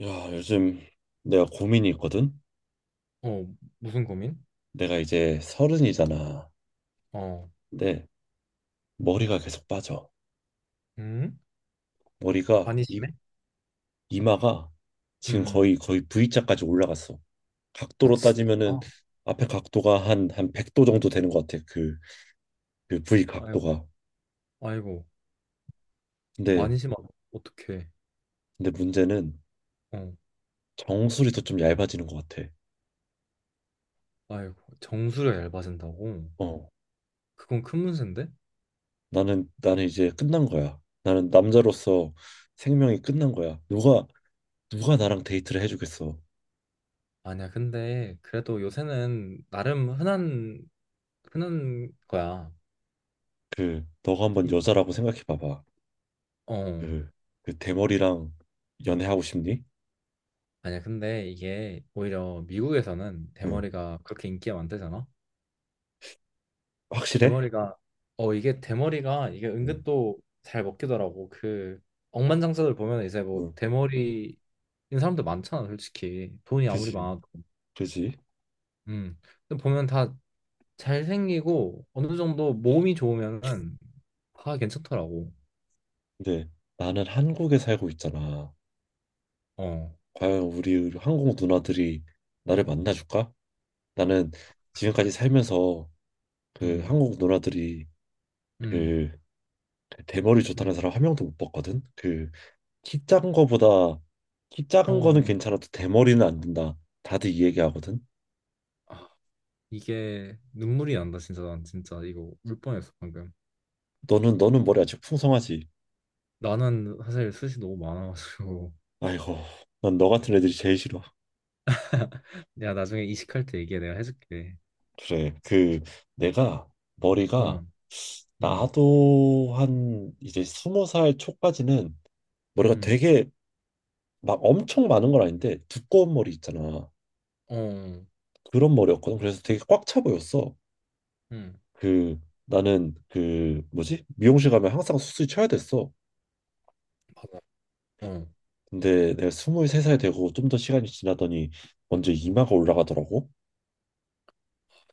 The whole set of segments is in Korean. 야, 요즘 내가 고민이 있거든? 어, 무슨 고민? 내가 이제 서른이잖아. 어, 근데 머리가 계속 빠져. 음? 머리가 많이 이, 심해? 이마가 지금 음, 거의 V자까지 올라갔어. 아, 각도로 따지면은 진짜? 앞에 각도가 한 100도 정도 되는 것 같아. 그, 그 V 아이고, 각도가. 아이고, 근데 많이 심하다. 어떡해. 근데 문제는 어, 정수리도 좀 얇아지는 것 같아. 아이고, 정수료 얇아진다고? 어. 그건 큰 문제인데? 나는 이제 끝난 거야. 나는 남자로서 생명이 끝난 거야. 누가 나랑 데이트를 해주겠어. 아니야, 근데 그래도 요새는 나름 흔한 거야. 그 너가 한번 이- 여자라고 생각해 봐봐. 어, 그, 그 대머리랑 연애하고 싶니? 아니야, 근데 이게 오히려 미국에서는 응. 대머리가 그렇게 인기가 많대잖아? 확실해? 대머리가. 이게 대머리가 이게 응. 은근 또 잘 먹히더라고. 그 억만장자들 보면 이제 뭐 응. 대머리인 사람들 많잖아, 솔직히. 돈이 아무리 그지. 많아도. 그지. 음. 근데 보면 다 잘생기고 어느 정도 몸이 좋으면은 다 괜찮더라고. 근데 나는 한국에 살고 있잖아. 어. 과연 우리 한국 누나들이 나를 만나줄까? 나는 지금까지 살면서 그 음. 한국 누나들이 음. 그 대머리 음. 좋다는 사람 한 명도 못 봤거든. 그 키 작은 거보다 키 작은 거는 어. 괜찮아도 대머리는 안 된다. 다들 이 얘기하거든. 아, 이게 눈물이 난다. 진짜 난 진짜 이거 울 뻔했어 방금. 너는 머리 아직 풍성하지. 나는 사실 숱이 너무 많아가지고. 아이고, 난 너 같은 애들이 제일 싫어. 내가 나중에 이식할 때 얘기해. 내가 해줄게. 그래. 그 내가 어. 머리가 음, 나도 한 이제 스무 살 초까지는 머리가 음, 되게 막 엄청 많은 건 아닌데 두꺼운 머리 있잖아. 어, 그런 머리였거든. 그래서 되게 꽉 차 보였어. 음, 그 나는 그 뭐지? 미용실 가면 항상 수술 쳐야 됐어. 봐아 어. 아, 근데 내가 스물세 살 되고 좀 더 시간이 지나더니 먼저 이마가 올라가더라고.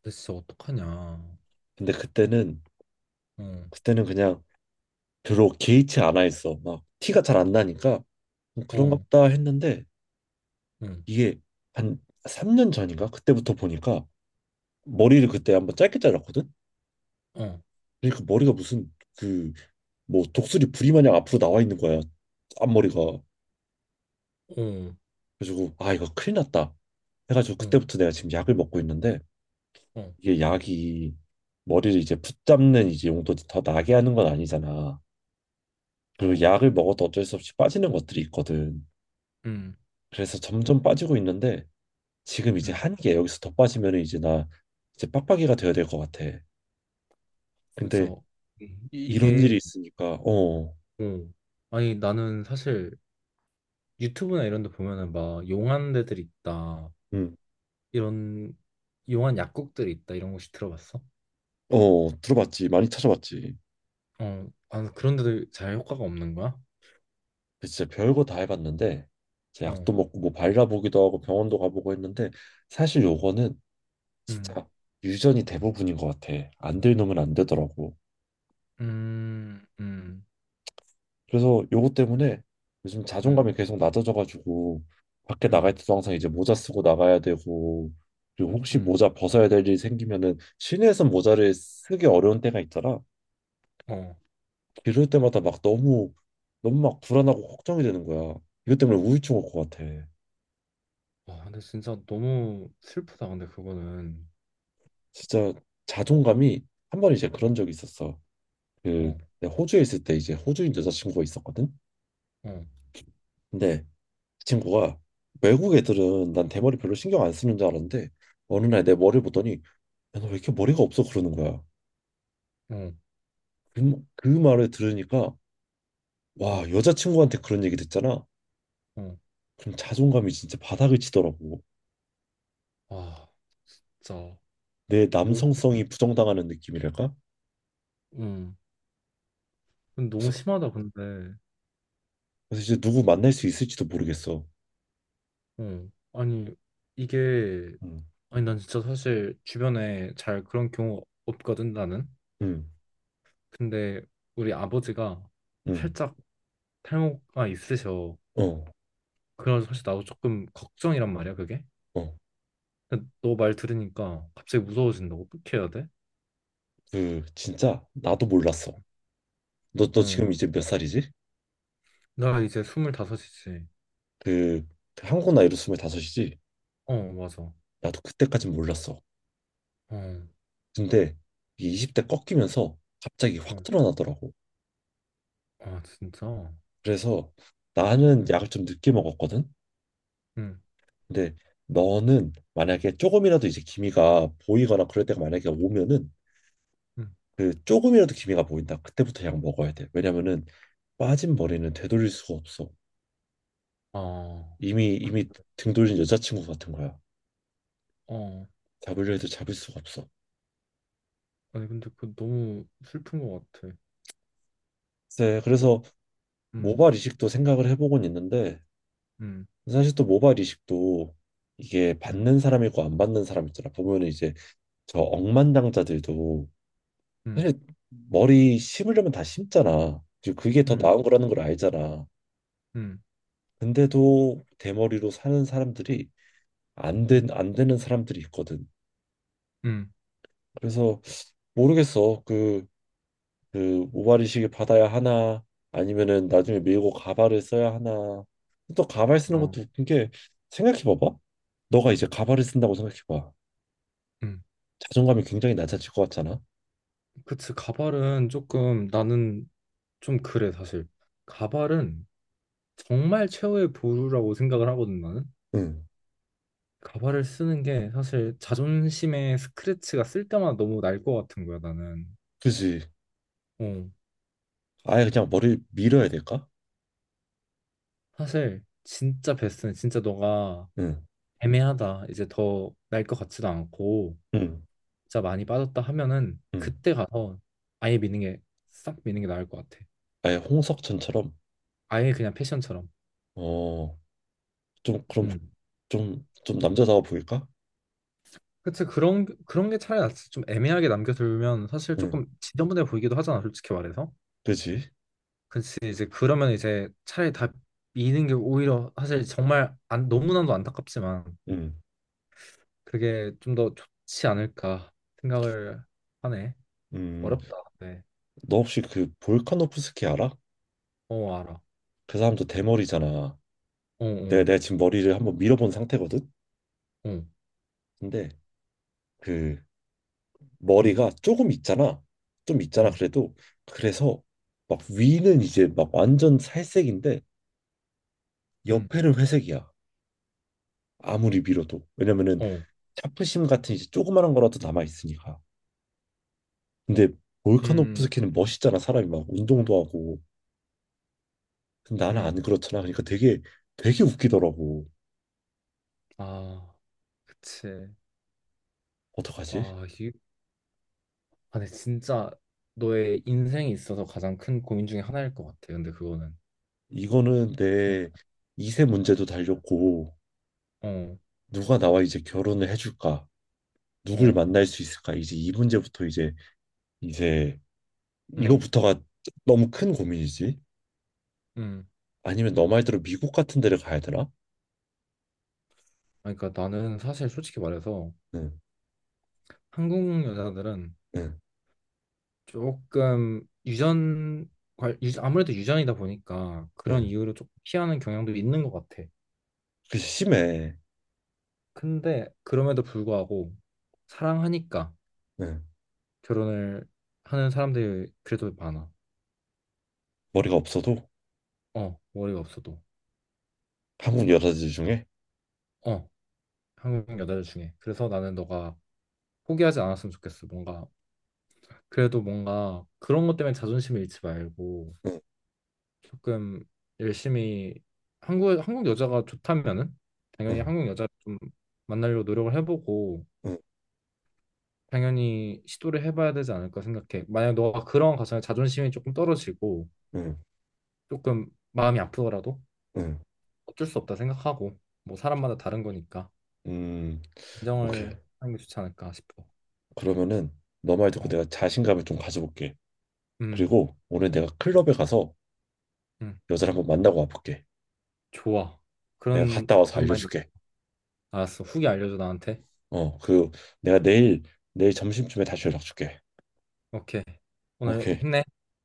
나 진짜 어떡하냐. 근데 그때는 어, 그때는 그냥 별로 개의치 않아 있어. 막 티가 잘 안 나니까 뭐 그런가 어, 보다 했는데 응. 이게 한 3년 전인가 그때부터 보니까 머리를 그때 한번 짧게 잘랐거든. 어, 어, 그러니까 머리가 무슨 그 뭐 독수리 부리 마냥 앞으로 나와 있는 거야. 앞머리가. 그래가지고 아 이거 큰일 났다. 해가지고 어, 그때부터 내가 지금 약을 먹고 있는데 어, 이게 약이 머리를 이제 붙잡는 이제 용도지 더 나게 하는 건 아니잖아. 그리고 어, 약을 먹어도 어쩔 수 없이 빠지는 것들이 있거든. 음, 그래서 점점 빠지고 있는데 지금 이제 음. 한계 여기서 더 빠지면 이제 나 이제 빡빡이가 되어야 될 것 같아. 진짜. 근데 이- 이런 이게, 일이 있으니까 어, 어. 아니, 나는 사실 유튜브나 이런 데 보면은 막 용한 데들이 있다. 음, 이런, 용한 약국들이 있다. 이런 곳이 들어봤어? 어 들어봤지 많이 찾아봤지. 어, 아, 그런 데도 잘 효과가 없는 거야? 근데 진짜 별거 다 해봤는데 이제 어, 약도 먹고 뭐 발라보기도 하고 병원도 가보고 했는데 사실 요거는 음, 진짜 유전이 대부분인 것 같아. 안 될 놈은 안 되더라고. 음, 음, 그래서 요거 때문에 요즘 음, 자존감이 계속 낮아져가지고 밖에 음, 나갈 때도 항상 이제 모자 쓰고 나가야 되고 그리고 혹시 음, 모자 벗어야 될 일이 생기면은 시내에서 모자를 쓰기 어려운 때가 있더라. 어. 이럴 때마다 막 너무 너무 막 불안하고 걱정이 되는 거야. 이것 때문에 우울증 올 것 같아. 아, 근데 진짜 너무 슬프다. 근데 그거는 진짜 자존감이 한 번 이제 어, 그런 적이 있었어. 그 어, 내가 호주에 있을 때 이제 호주인 여자친구가 있었거든. 어, 근데 그 친구가 외국 애들은 난 대머리 별로 신경 안 쓰는 줄 알았는데 어느 날 내 머리 보더니 야, 너 왜 이렇게 머리가 없어? 그러는 거야. 어, 그, 그 말을 들으니까, 어, 와, 여자친구한테 그런 얘기 듣잖아. 어. 그럼 자존감이 진짜 바닥을 치더라고. 아, 진짜 내 너무, 남성성이 부정당하는 느낌이랄까? 음, 근데 너무 그래서, 심하다. 근데, 그래서 이제 누구 만날 수 있을지도 모르겠어. 어, 아니 이게 음, 아니 난 진짜 사실 주변에 잘 그런 경우 없거든 나는. 음, 근데 우리 아버지가 음, 살짝 탈모가 있으셔. 어, 그래서 사실 나도 조금 걱정이란 말이야 그게. 어. 근데 너 말 들으니까 갑자기 무서워진다고. 어떻게 해야 돼? 그, 진짜, 나도 몰랐어. 너 응. 지금 이제 몇 살이지? 나 이제 스물다섯이지. 그, 그 한국 나이로 25이지? 어, 맞아. 나도 그때까진 몰랐어. 어, 근데, 이게 20대 꺾이면서 갑자기 확 어, 드러나더라고. 아, 진짜? 어, 그래서 나는 약을 좀 늦게 먹었거든. 응, 근데 너는 만약에 조금이라도 이제 기미가 보이거나 그럴 때가 만약에 오면은 응. 그 조금이라도 기미가 보인다. 그때부터 약 먹어야 돼. 왜냐면은 빠진 머리는 되돌릴 수가 없어. 아, 이미 이미 등 돌린 여자친구 같은 거야. 어. 잡으려 해도 잡을 수가 없어. 아니, 근데 그 너무 슬픈 것 같아. 네, 어, 그래서 음, 모발 이식도 생각을 해보곤 있는데 음, 사실 또 모발 이식도 이게 음, 받는 사람이고 안 받는 사람 있잖아. 보면은 이제 저 억만장자들도 음, 사실 머리 심으려면 다 심잖아. 이제 그게 더 음, 나은 거라는 걸 알잖아. 음, 근데도 대머리로 사는 사람들이 안 된, 음, 안 되는 사람들이 있거든. 음, 그래서 모르겠어. 그, 그 모발이식을 받아야 하나 아니면은 나중에 밀고 가발을 써야 하나. 또 가발 쓰는 어, 것도 웃긴 게 생각해 봐봐. 너가 이제 가발을 쓴다고 생각해 봐. 음. 자존감이 굉장히 낮아질 것 같잖아. 그치, 가발은 조금 나는 좀 그래, 사실. 가발은 정말 최후의 보루라고 생각을 하거든, 나는. 응. 가발을 쓰는 게 사실 자존심의 스크래치가 쓸 때마다 너무 날 것 같은 거야, 나는. 그지. 어. 아예 그냥 머리를 밀어야 될까? 사실 진짜 베스트는 진짜 너가 응. 애매하다. 이제 더 날 것 같지도 않고 응. 진짜 많이 빠졌다 하면은 응. 그때 가서 아예 미는 게 싹 미는 게 나을 것 같아. 아예 홍석천처럼 아예 그냥 패션처럼. 어, 좀 그럼 음. 좀 남자다워 보일까? 그치, 그런 그런 게 차라리 낫지. 좀 애매하게 남겨두면 사실 응, 조금 지저분해 보이기도 하잖아, 솔직히 말해서. 그지? 그치 이제 그러면 이제 차라리 다 미는 게 오히려 사실 정말 안, 너무나도 안타깝지만 응, 그게 좀 더 좋지 않을까 생각을 하네. 음, 어렵다. 네. 너 혹시 그 볼카노프스키 알아? 어, 알아. 그 사람도 대머리잖아. 어, 내가 어, 내가 지금 머리를 한번 밀어본 상태거든. 어. 근데 그 음, 머리가 조금 있잖아. 좀 있잖아. 음, 그래도 그래서 막 위는 이제 막 완전 살색인데 음, 옆에는 회색이야. 아무리 밀어도 왜냐면은 어, 차프심 같은 이제 조그마한 거라도 남아 있으니까. 근데 음, 볼카노프스키는 멋있잖아 사람이 막 운동도 하고 근데 나는 음, 안 그렇잖아. 그러니까 되게 되게 웃기더라고. 아, 그치. 어떡하지? 아, 이게, 아, 근데 진짜 너의 인생에 있어서 가장 큰 고민 중에 하나일 것 같아. 근데 그거는 이거는 정말, 내 2세 문제도 달렸고 어, 누가 나와 이제 결혼을 해줄까? 누굴 어, 만날 수 있을까? 이제 이 문제부터 이제 이제 음, 이거부터가 너무 큰 고민이지. 음, 아니면 너 말대로 미국 같은 데를 가야 되나? 아니, 그러니까 나는 사실 솔직히 말해서 응, 한국 여자들은 응, 조금 유전, 관- 유 아무래도 유전이다 보니까 그런 응. 이유로 조금 피하는 경향도 있는 것 같아. 그게 심해. 근데 그럼에도 불구하고 사랑하니까. 응. 결혼을 하는 사람들이 그래도 많아. 머리가 없어도 어, 머리가 없어도. 한국 여자들 중에 어, 한국 여자들 중에. 그래서 나는 너가 포기하지 않았으면 좋겠어. 뭔가 그래도 뭔가 그런 것 때문에 자존심을 잃지 말고 응, 조금 열심히 한국 여자가 좋다면은 당연히 응, 한국 여자를 좀 만나려고 노력을 해보고 응, 당연히 시도를 해봐야 되지 않을까 생각해. 만약 너가 그런 과정에 자존심이 조금 떨어지고 응, 조금 마음이 아프더라도 응. 어쩔 수 없다 생각하고 뭐 사람마다 다른 거니까. 음, 오케이. 인정을 하는 게 좋지 않을까 싶어. 그러면은 너 말 듣고 어, 내가 자신감을 좀 가져볼게. 음, 그리고 오늘 내가 클럽에 가서 음, 여자를 한번 만나고 와볼게. 좋아. 내가 그런 갔다 와서 그런 마인드. 알려줄게. 알았어. 후기 알려줘 나한테. 어, 그 내가 내일 내일 점심쯤에 다시 연락 줄게. 오케이. 오늘 오케이. 힘내.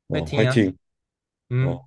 어, 파이팅이야. 화이팅. 어. 음.